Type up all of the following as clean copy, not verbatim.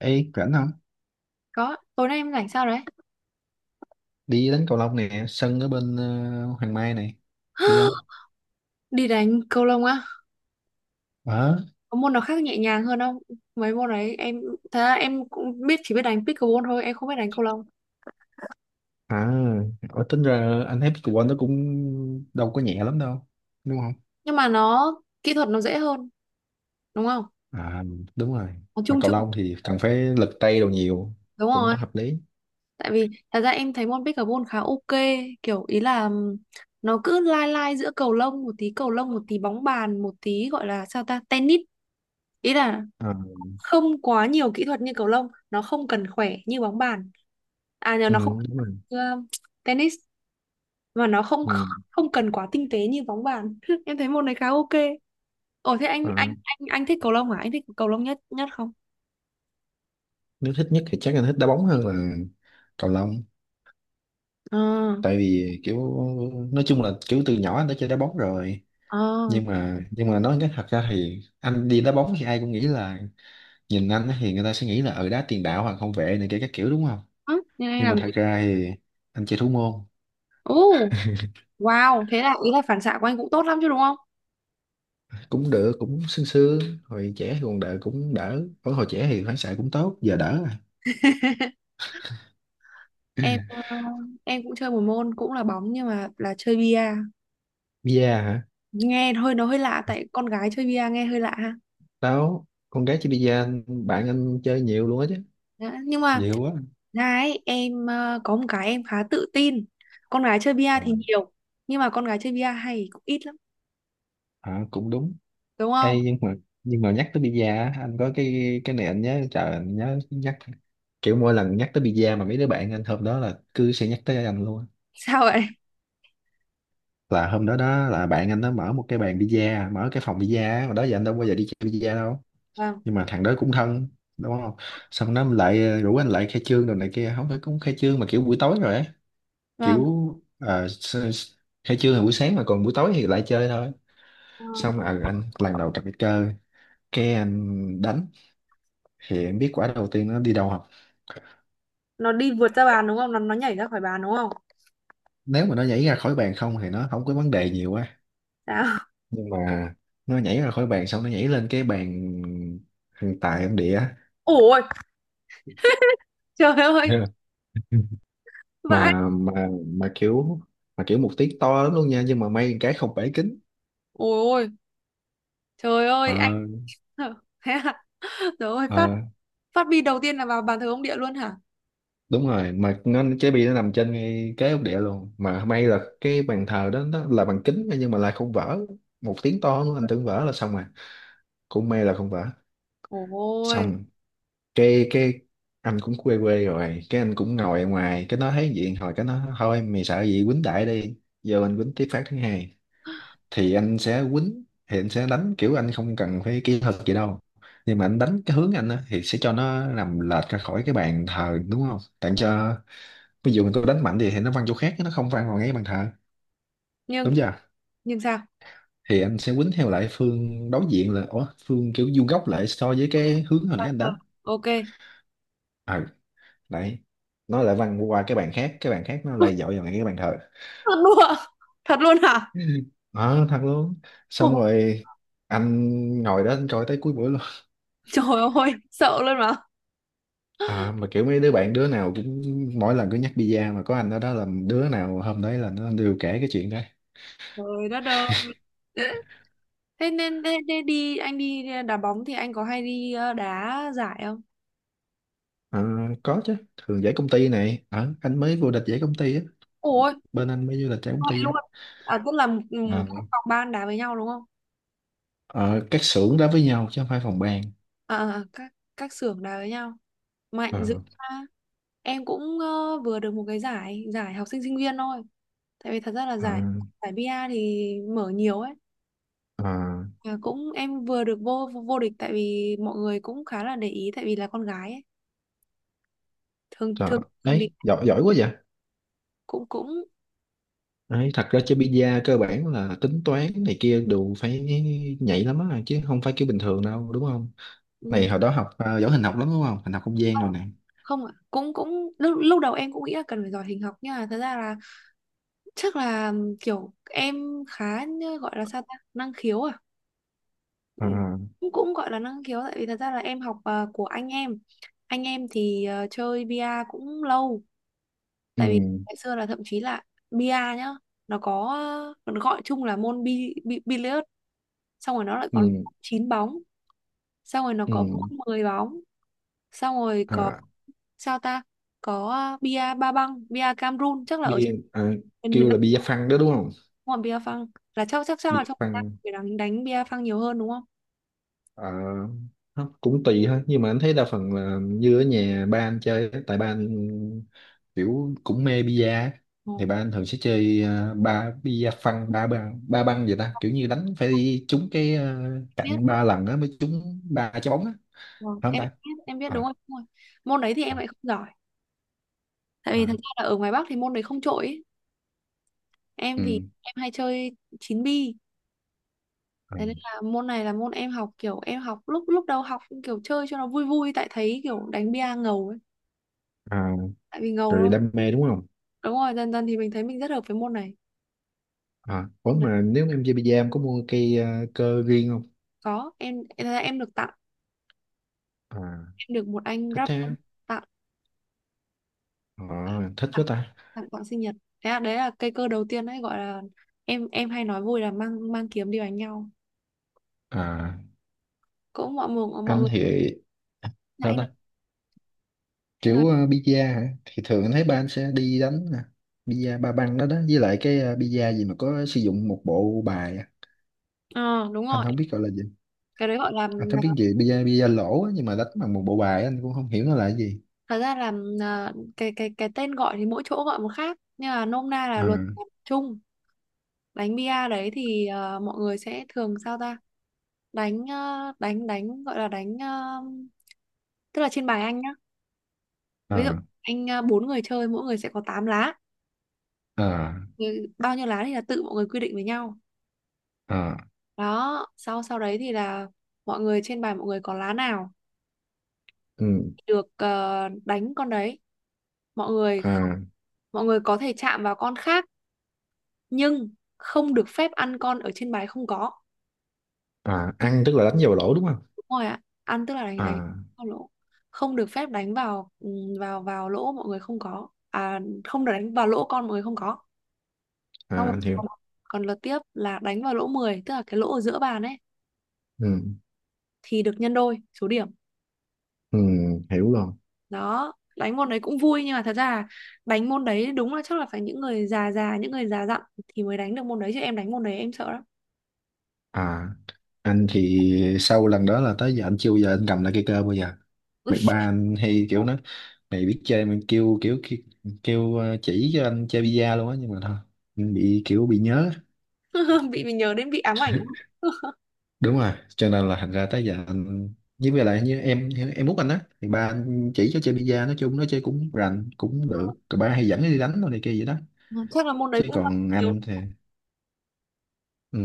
Ê, rảnh không? Có, tối nay em rảnh sao đấy? Đi đánh cầu lông nè, sân ở bên Hoàng Mai này. Đi không? Đi đánh cầu lông á? Ờ. Có môn nào khác nhẹ nhàng hơn không? Mấy môn đấy em thật ra em cũng biết chỉ biết đánh pickleball thôi, em không biết đánh cầu lông. À, Ở tính ra anh thấy pickleball nó cũng đâu có nhẹ lắm đâu. Đúng không? Nhưng mà kỹ thuật nó dễ hơn, đúng không? À, đúng rồi. Nó Mà chung cầu chung. lông thì cần phải lực tay đồ nhiều. Đúng Cũng rồi. hợp lý. Tại vì thật ra em thấy môn pickleball khá ok, kiểu ý là nó cứ lai lai giữa cầu lông một tí, cầu lông một tí bóng bàn, một tí gọi là tennis. Ý là À, không quá nhiều kỹ thuật như cầu lông, nó không cần khỏe như bóng bàn. À nhờ ừ, nó không đúng rồi. cần, tennis và nó không Ừ. không cần quá tinh tế như bóng bàn. Em thấy môn này khá ok. Ồ thế anh anh À, anh anh thích cầu lông hả? Anh thích cầu lông nhất nhất không? Nếu thích nhất thì chắc anh thích đá bóng hơn là cầu lông. ờ Tại vì kiểu, nói chung là kiểu từ nhỏ anh đã chơi đá bóng rồi. ờ Nhưng mà nói cái thật ra thì anh đi đá bóng thì ai cũng nghĩ là nhìn anh á thì người ta sẽ nghĩ là ở đá tiền đạo hoặc hậu vệ này kia các kiểu, đúng không? À, nên anh Nhưng mà làm thật gì? ra thì anh chơi thủ môn. Ồ, wow, thế là ý là phản xạ của anh cũng tốt lắm chứ, đúng không? Cũng được, cũng sương sương. Hồi trẻ thì còn đỡ, cũng đỡ, ở hồi trẻ thì phản xạ cũng tốt, giờ đỡ rồi. Em ờ, em cũng chơi một môn cũng là bóng nhưng mà là chơi bia. Bia hả? Nghe hơi lạ, tại con gái chơi bia nghe hơi lạ ha. Tao, con gái chơi bia, bạn anh chơi nhiều luôn á chứ. Đó, nhưng mà Nhiều quá. Có một cái em khá tự tin. Con gái chơi bia Ờ. thì nhiều nhưng mà con gái chơi bia hay cũng ít lắm, Ờ, cũng đúng. đúng không? Ê, nhưng mà nhắc tới bida á, anh có cái này anh nhớ, trời anh nhớ nhắc, kiểu mỗi lần nhắc tới bida mà mấy đứa bạn anh hôm đó là cứ sẽ nhắc tới anh luôn á. Sao vậy? Là hôm đó đó là bạn anh nó mở một cái bàn bida, mở cái phòng bida á, mà đó giờ anh đâu bao giờ đi chơi bida đâu. Vâng. Nhưng mà thằng đó cũng thân, đúng không, xong nó lại rủ anh lại khai trương rồi này kia. Không phải cũng khai trương mà kiểu buổi tối rồi á, Vâng. kiểu khai trương là buổi sáng mà còn buổi tối thì lại chơi thôi. Ờ. Xong anh lần đầu tập cái cơ, cái anh đánh thì em biết quả đầu tiên nó đi đâu không? Nó đi vượt ra bàn đúng không? Nó nhảy ra khỏi bàn đúng không? Nếu mà nó nhảy ra khỏi bàn không thì nó không có vấn đề nhiều quá, Sao? nhưng mà nó nhảy ra khỏi bàn xong nó nhảy lên cái bàn thằng tài em đĩa. Ôi, trời ơi, vãi. Mà kiểu, mà kiểu một tiếng to lắm luôn nha, nhưng mà may cái không bể kính. Ôi ôi, trời Ờ, ơi, anh. Thế à? Trời ơi, ờ, phát phát bi đầu tiên là vào bàn thờ ông địa luôn hả? đúng rồi, mà nó trái bi nó nằm trên ngay cái ốc địa luôn, mà may là cái bàn thờ đó nó là bằng kính nhưng mà lại không vỡ. Một tiếng to nữa anh tưởng vỡ là xong rồi. Cũng may là không vỡ. Ôi, Xong cái anh cũng quê quê rồi, cái anh cũng ngồi ở ngoài, cái nó thấy vậy hồi cái nó thôi mày sợ gì quýnh đại đi, giờ mình quýnh tiếp phát thứ hai. Thì anh sẽ quýnh, thì anh sẽ đánh kiểu anh không cần phải kỹ thuật gì đâu, nhưng mà anh đánh cái hướng anh á, thì sẽ cho nó nằm lệch ra khỏi cái bàn thờ, đúng không, tặng cho. Ví dụ mình có đánh mạnh gì thì nó văng chỗ khác, nó không văng vào ngay bàn thờ. nhưng Đúng chưa? nhưng sao? Thì anh sẽ quýnh theo lại phương đối diện, là ủa phương kiểu vuông góc lại so với cái hướng hồi nãy Bàn anh thờ. đánh. Ok. Ừ, đấy, nó lại văng qua cái bàn khác, cái bàn khác nó lại dội vào ngay cái bàn thờ. Thật luôn ạ? Thật luôn hả? Ờ thật luôn. Xong Ôi, rồi anh ngồi đó anh coi tới cuối buổi luôn. trời ơi, sợ luôn mà. À, mà kiểu mấy đứa bạn đứa nào cũng, mỗi lần cứ nhắc pizza mà có anh ở đó là đứa nào hôm đấy là nó đều kể cái chuyện đó. Trời đất ơi. Thế đi, anh đi đá bóng thì anh có hay đi đá giải không? Ờ, có chứ, thường giải công ty này. Ờ, anh mới vô địch giải công ty á, Ủa, bên anh mới vô địch giải công vậy ty á. luôn à? Tức là, Ờ, các phòng ban đá với nhau đúng không? ờ, các xưởng đá với nhau chứ không phải phòng ban. À, à, các xưởng đá với nhau, Ờ, mạnh dữ ha. Em cũng, vừa được một cái giải giải học sinh sinh viên thôi. Tại vì thật ra là ờ, giải giải BA thì mở nhiều ấy. ờ, À, cũng em vừa được vô vô địch tại vì mọi người cũng khá là để ý tại vì là con gái ấy. thường trời, thường thường thì đấy giỏi, giỏi quá vậy. cũng cũng Đấy, thật ra chơi pizza cơ bản là tính toán này kia đều phải nhạy lắm á, chứ không phải kiểu bình thường đâu, đúng không? ừm, Này hồi đó học giỏi hình học lắm đúng không, hình học không gian rồi nè. không ạ, cũng cũng lúc đầu em cũng nghĩ là cần phải giỏi hình học nhưng mà thật ra là chắc là kiểu em khá như gọi là sao ta, năng khiếu à. Ờ, Ừ, cũng cũng gọi là năng khiếu tại vì thật ra là em học, của anh em. Anh em thì, chơi bia cũng lâu. Tại vì ừ. ngày xưa là thậm chí là bia nhá, nó có, nó gọi chung là môn bi, bi, billiard. Xong rồi nó lại còn Ừ, chín bóng, xong rồi nó ừ, có bóng 10 bóng, xong rồi có à, sao ta, có bia ba băng, bia Cameroon chắc là ở bia à, miền miền kêu Nam. là bia phăng đó đúng không? Đúng rồi, bia phăng là chắc chắc chắc là Bia trong Việt Nam phăng, phải đánh đánh bia phăng nhiều hơn đúng không? à, nó cũng tùy thôi, nhưng mà anh thấy đa phần là như ở nhà ba anh chơi á, tại ba anh kiểu cũng mê bia á. Ồ, Thì ba anh thường sẽ chơi à, ba bia phăng ba ba ba băng vậy ta, kiểu như đánh phải đi trúng cái à, biết. cạnh 3 lần á mới trúng 3 trái bóng á. Ờ, Phải không em ta? biết, em biết, đúng À, rồi, đúng rồi. Môn đấy thì em à, lại không giỏi. Tại vì à, thật ra là ở ngoài Bắc thì môn đấy không trội ấy. Em thì ừ, em hay chơi chín bi. à, Thế nên là môn này là môn em học kiểu em học lúc lúc đầu học kiểu chơi cho nó vui vui tại thấy kiểu đánh bia ngầu ấy. à, Tại vì ngầu rồi thôi. đam mê đúng không? Đúng rồi, dần dần thì mình thấy mình rất hợp với môn này. À, ủa Là mà nếu em chơi bi em có mua cây cơ riêng không? có, em được tặng, À, em được một anh thích rap thế. tặng, À, thích tặng quá ta. tặng quà sinh nhật. Đấy là, đấy là cây cơ đầu tiên, đấy gọi là em hay nói vui là mang mang kiếm đi đánh nhau. À, Cũng mọi người mọi anh người thì dạ, sao anh nói, ta? anh Kiểu nói. A hả? Thì thường anh thấy ba anh sẽ đi đánh nè. A ba băng đó đó. Với lại cái a gì mà có sử dụng một bộ bài á. Ờ Đúng Anh rồi, không biết gọi là gì. cái đấy gọi Anh không là- biết gì. Bi-a, bida, a lỗ á, nhưng mà đánh bằng một bộ bài á, anh cũng không hiểu nó là cái gì. thật ra là cái cái tên gọi thì mỗi chỗ gọi một khác nhưng mà nôm na là À, luật chung. Đánh bia đấy thì, mọi người sẽ thường sao ta đánh, ờ, đánh đánh gọi là đánh, tức là trên bài anh nhá. Ví dụ à, anh, bốn người chơi mỗi người sẽ có 8 lá. à, Thì bao nhiêu lá thì là tự mọi người quy định với nhau. à, Đó, sau sau đấy thì là mọi người trên bàn, mọi người có lá nào ừ, được, đánh con đấy. Mọi người không- à, mọi người có thể chạm vào con khác nhưng không được phép ăn con ở trên bài không có. à, ăn tức là đánh vào lỗ đúng không? Đúng rồi ạ, ăn tức là đánh À, vào lỗ. Không được phép đánh vào, vào vào lỗ mọi người không có. À, không được đánh vào lỗ con mọi người không có. Xong à rồi anh hiểu. còn, còn lượt tiếp là đánh vào lỗ 10 tức là cái lỗ ở giữa bàn ấy Ừ. thì được nhân đôi số điểm. Ừ, hiểu rồi. Đó, đánh môn đấy cũng vui nhưng mà thật ra là đánh môn đấy đúng là chắc là phải những người già già những người già dặn thì mới đánh được môn đấy, chứ em đánh môn đấy em sợ lắm. À, anh thì sau lần đó là tới giờ anh chưa bao giờ anh cầm lại cây cơ bao giờ. Mày ba anh hay kiểu nói, mày biết chơi mình kêu kiểu kêu, kêu chỉ cho anh chơi bida luôn á, nhưng mà thôi anh bị kiểu bị nhớ. Bị mình nhớ đến bị ám ảnh lắm. Đúng rồi, cho nên là thành ra tới giờ anh, với lại lại như em út anh á thì ba anh chỉ cho chơi bida, nói chung nó chơi cũng rành cũng được rồi, ba hay dẫn nó đi đánh đồ này kia vậy đó. Chắc là môn đấy Chứ cũng do năng còn khiếu. anh thì,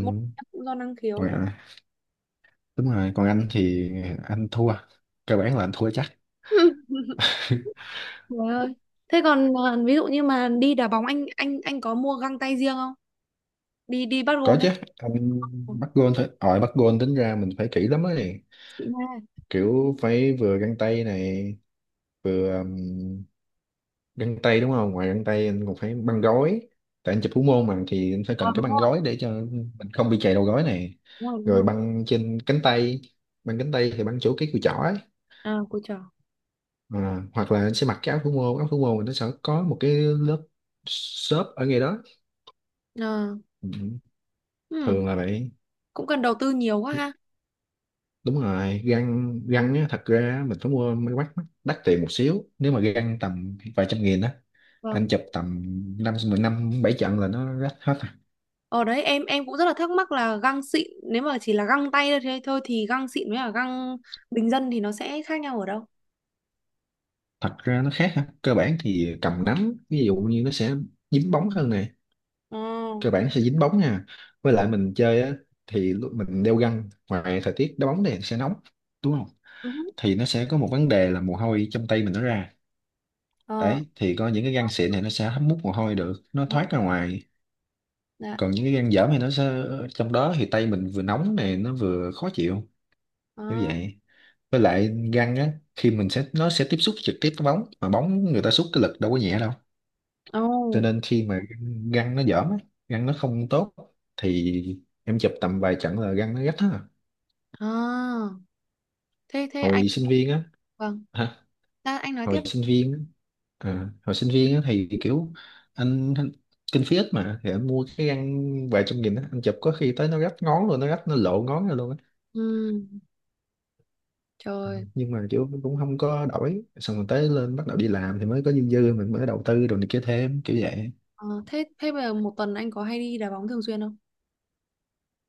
Môn đấy cũng do năng khiếu còn, nữa. à, đúng rồi còn anh thì anh thua, cơ bản là anh thua chắc. Trời ơi. Thế còn à, ví dụ như mà đi đá bóng anh có mua găng tay riêng không? Đi đi bắt Có gôn ấy. chứ. Anh Ừ, bắt gôn thôi, ờ bắt gôn tính ra mình phải kỹ lắm ấy, chị Nga. kiểu phải vừa găng tay này vừa găng tay đúng không, ngoài găng tay anh còn phải băng gối. Tại anh chụp thủ môn mà thì anh phải À, cần cái đúng băng rồi gối để cho mình không bị chày đầu gối này, đúng rồi đúng rồi rồi. băng trên cánh tay. Băng cánh tay thì băng chỗ cái cùi chỏ ấy. À, cô trò. À, hoặc là anh sẽ mặc cái áo thủ môn, áo thủ môn thì nó sẽ có một cái lớp xốp ở ngay đó. Ờ. Ừ, Ừ. thường là vậy. Cũng cần đầu tư nhiều quá ha. Đúng rồi, găng găng á, thật ra á, mình phải mua máy quét mắt đắt tiền một xíu, nếu mà găng tầm vài trăm nghìn á, Vâng. anh chụp tầm năm mười năm bảy trận là nó rách hết à. Ở đấy em cũng rất là thắc mắc là găng xịn, nếu mà chỉ là găng tay thôi thế thôi thì găng xịn với cả găng bình dân thì nó sẽ khác nhau ở đâu? Thật ra nó khác ha, cơ bản thì cầm nắm ví dụ như nó sẽ dính bóng hơn này, Ờ. cơ bản nó sẽ dính bóng nha. Với lại mình chơi á, thì lúc mình đeo găng ngoài thời tiết đá bóng này sẽ nóng, đúng không, Ừ. thì nó sẽ có một vấn đề là mồ hôi trong tay mình nó ra. Ờ. Đấy thì có những cái găng xịn này nó sẽ hấp mút mồ hôi được, nó Đó, thoát ra ngoài. dạ. Còn những cái gan dởm thì nó sẽ, trong đó thì tay mình vừa nóng này nó vừa khó chịu như Ờ. vậy. Với lại gan á khi mình sẽ nó sẽ tiếp xúc trực tiếp với bóng, mà bóng người ta xúc cái lực đâu có nhẹ đâu, cho Ồ. nên khi mà gan nó dởm á, gan nó không tốt thì em chụp tầm vài trận là gan nó rách á. À. Thế thế anh, Hồi sinh viên á, vâng, hả? ra anh nói tiếp Hồi đi. sinh viên á, à, hồi sinh viên á thì kiểu anh kinh phí ít mà, thì anh mua cái găng vài trăm nghìn á, anh chụp có khi tới nó rách ngón luôn, nó rách nó lộ ngón ra luôn á. Ừ. Trời. Nhưng mà kiểu cũng không có đổi, xong rồi tới lên bắt đầu đi làm thì mới có dư dư mình mới đầu tư rồi này kia thêm kiểu vậy. Ờ, thế thế bây giờ một tuần anh có hay đi đá bóng thường xuyên không?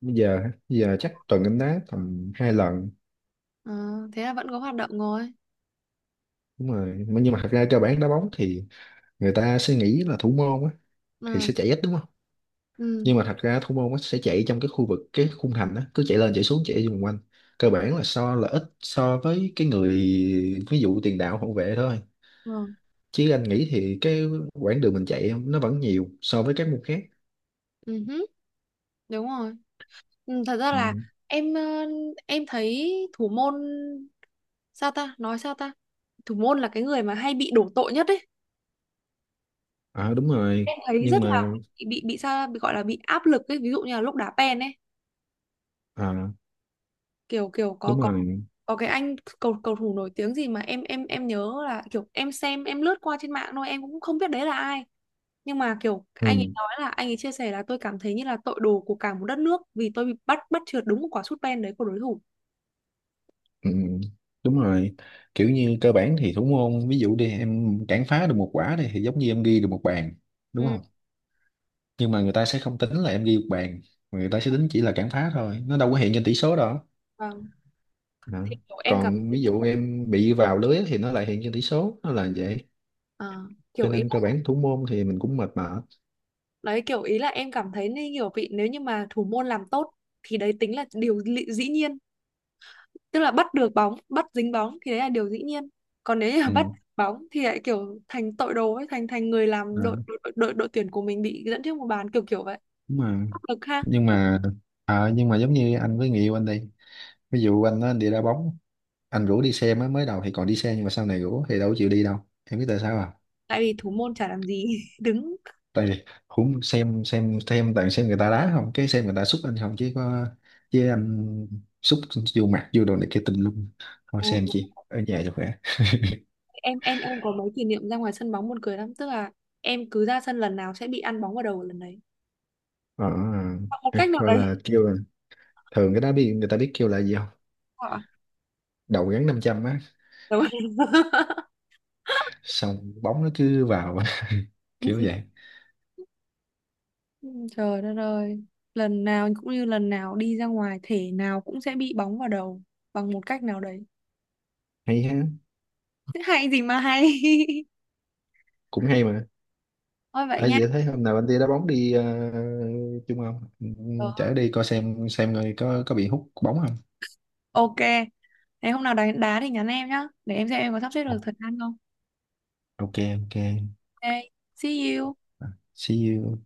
Bây giờ, bây giờ chắc tuần em đá tầm 2 lần. Ờ, thế là vẫn có hoạt động rồi. Đúng rồi, nhưng mà thật ra cơ bản đá bóng thì người ta sẽ nghĩ là thủ môn á thì Ừ. sẽ chạy ít, đúng không, Ừ. nhưng mà thật ra thủ môn á sẽ chạy trong cái khu vực cái khung thành á, cứ chạy lên chạy xuống chạy vòng quanh, cơ bản là so là ít so với cái người, ví dụ tiền đạo hậu vệ thôi, Vâng. chứ anh nghĩ thì cái quãng đường mình chạy nó vẫn nhiều so với các môn khác. Ừ. Hứ, đúng rồi. Ừ, thật ra là Ừ. em, em thấy thủ môn sao ta, nói sao ta, thủ môn là cái người mà hay bị đổ tội nhất ấy. À đúng rồi. Em thấy Nhưng rất là mà bị sao, bị gọi là bị áp lực ấy, ví dụ như là lúc đá pen ấy. à Kiểu kiểu có đúng rồi, có cái anh cầu cầu thủ nổi tiếng gì mà em nhớ là kiểu em xem, em lướt qua trên mạng thôi, em cũng không biết đấy là ai nhưng mà kiểu anh ấy ừ, nói là anh ấy chia sẻ là tôi cảm thấy như là tội đồ của cả một đất nước vì tôi bị bắt bắt trượt đúng một quả sút pen đấy của đối thủ. ừ, đúng rồi. Kiểu như cơ bản thì thủ môn ví dụ đi em cản phá được một quả đi thì giống như em ghi được một bàn, đúng Ừ. không, nhưng mà người ta sẽ không tính là em ghi một bàn, mà người ta sẽ tính chỉ là cản phá thôi, nó đâu có hiện trên tỷ số đó. Vâng. Đó. Thì kiểu em cảm Còn thấy ví dụ em bị vào lưới thì nó lại hiện trên tỷ số, nó là vậy. à, kiểu Cho ý. nên cơ bản thủ môn thì mình cũng mệt mỏi. Đấy kiểu ý là em cảm thấy như kiểu vị nếu như mà thủ môn làm tốt thì đấy tính là điều lị- dĩ nhiên. Tức là bắt được bóng, bắt dính bóng thì đấy là điều dĩ nhiên. Còn nếu như mà bắt Ừ. bóng thì lại kiểu thành tội đồ ấy, thành thành người À, làm đội tuyển của mình bị dẫn trước một bàn kiểu kiểu vậy. đúng mà, Áp lực ha. nhưng mà, à, nhưng mà giống như anh với người yêu anh đi, ví dụ anh nó đi đá bóng, anh rủ đi xem á, mới đầu thì còn đi xem nhưng mà sau này rủ thì đâu có chịu đi đâu. Em biết tại sao à? Tại vì thủ môn chả làm gì. Đứng. Tại vì cũng xem toàn xem người ta đá không, cái xem người ta xúc anh không chứ có, chứ anh xúc vô mặt vô đồ này kia tùm lum, thôi Ồ, xem chị ở nhà cho khỏe. em có mấy kỷ niệm ra ngoài sân bóng buồn cười lắm, tức là em cứ ra sân lần nào sẽ bị ăn bóng vào đầu lần đấy. Ờ, Hoặc một cách ấy, nào gọi đấy. là kêu là, thường cái đá biên người ta biết kêu là gì không? Ờ, Đầu gắn 500 á. đúng. Xong bóng nó cứ vào. Kiểu vậy. Ừ, trời đất ơi, lần nào cũng như lần nào đi ra ngoài thể nào cũng sẽ bị bóng vào đầu bằng một cách nào đấy. Hay ha. Thế hay gì mà hay. Cũng hay mà. Thôi vậy À, nha. vậy thấy hôm nào anh đi đá bóng đi chung không? Ừ, Ờ, chở đi coi xem người có bị hút bóng không? ok, thế hôm nào đánh đá thì nhắn em nhá, để em xem em có sắp xếp Ồ, được thời gian không. ok ok. Ok, see you. See you.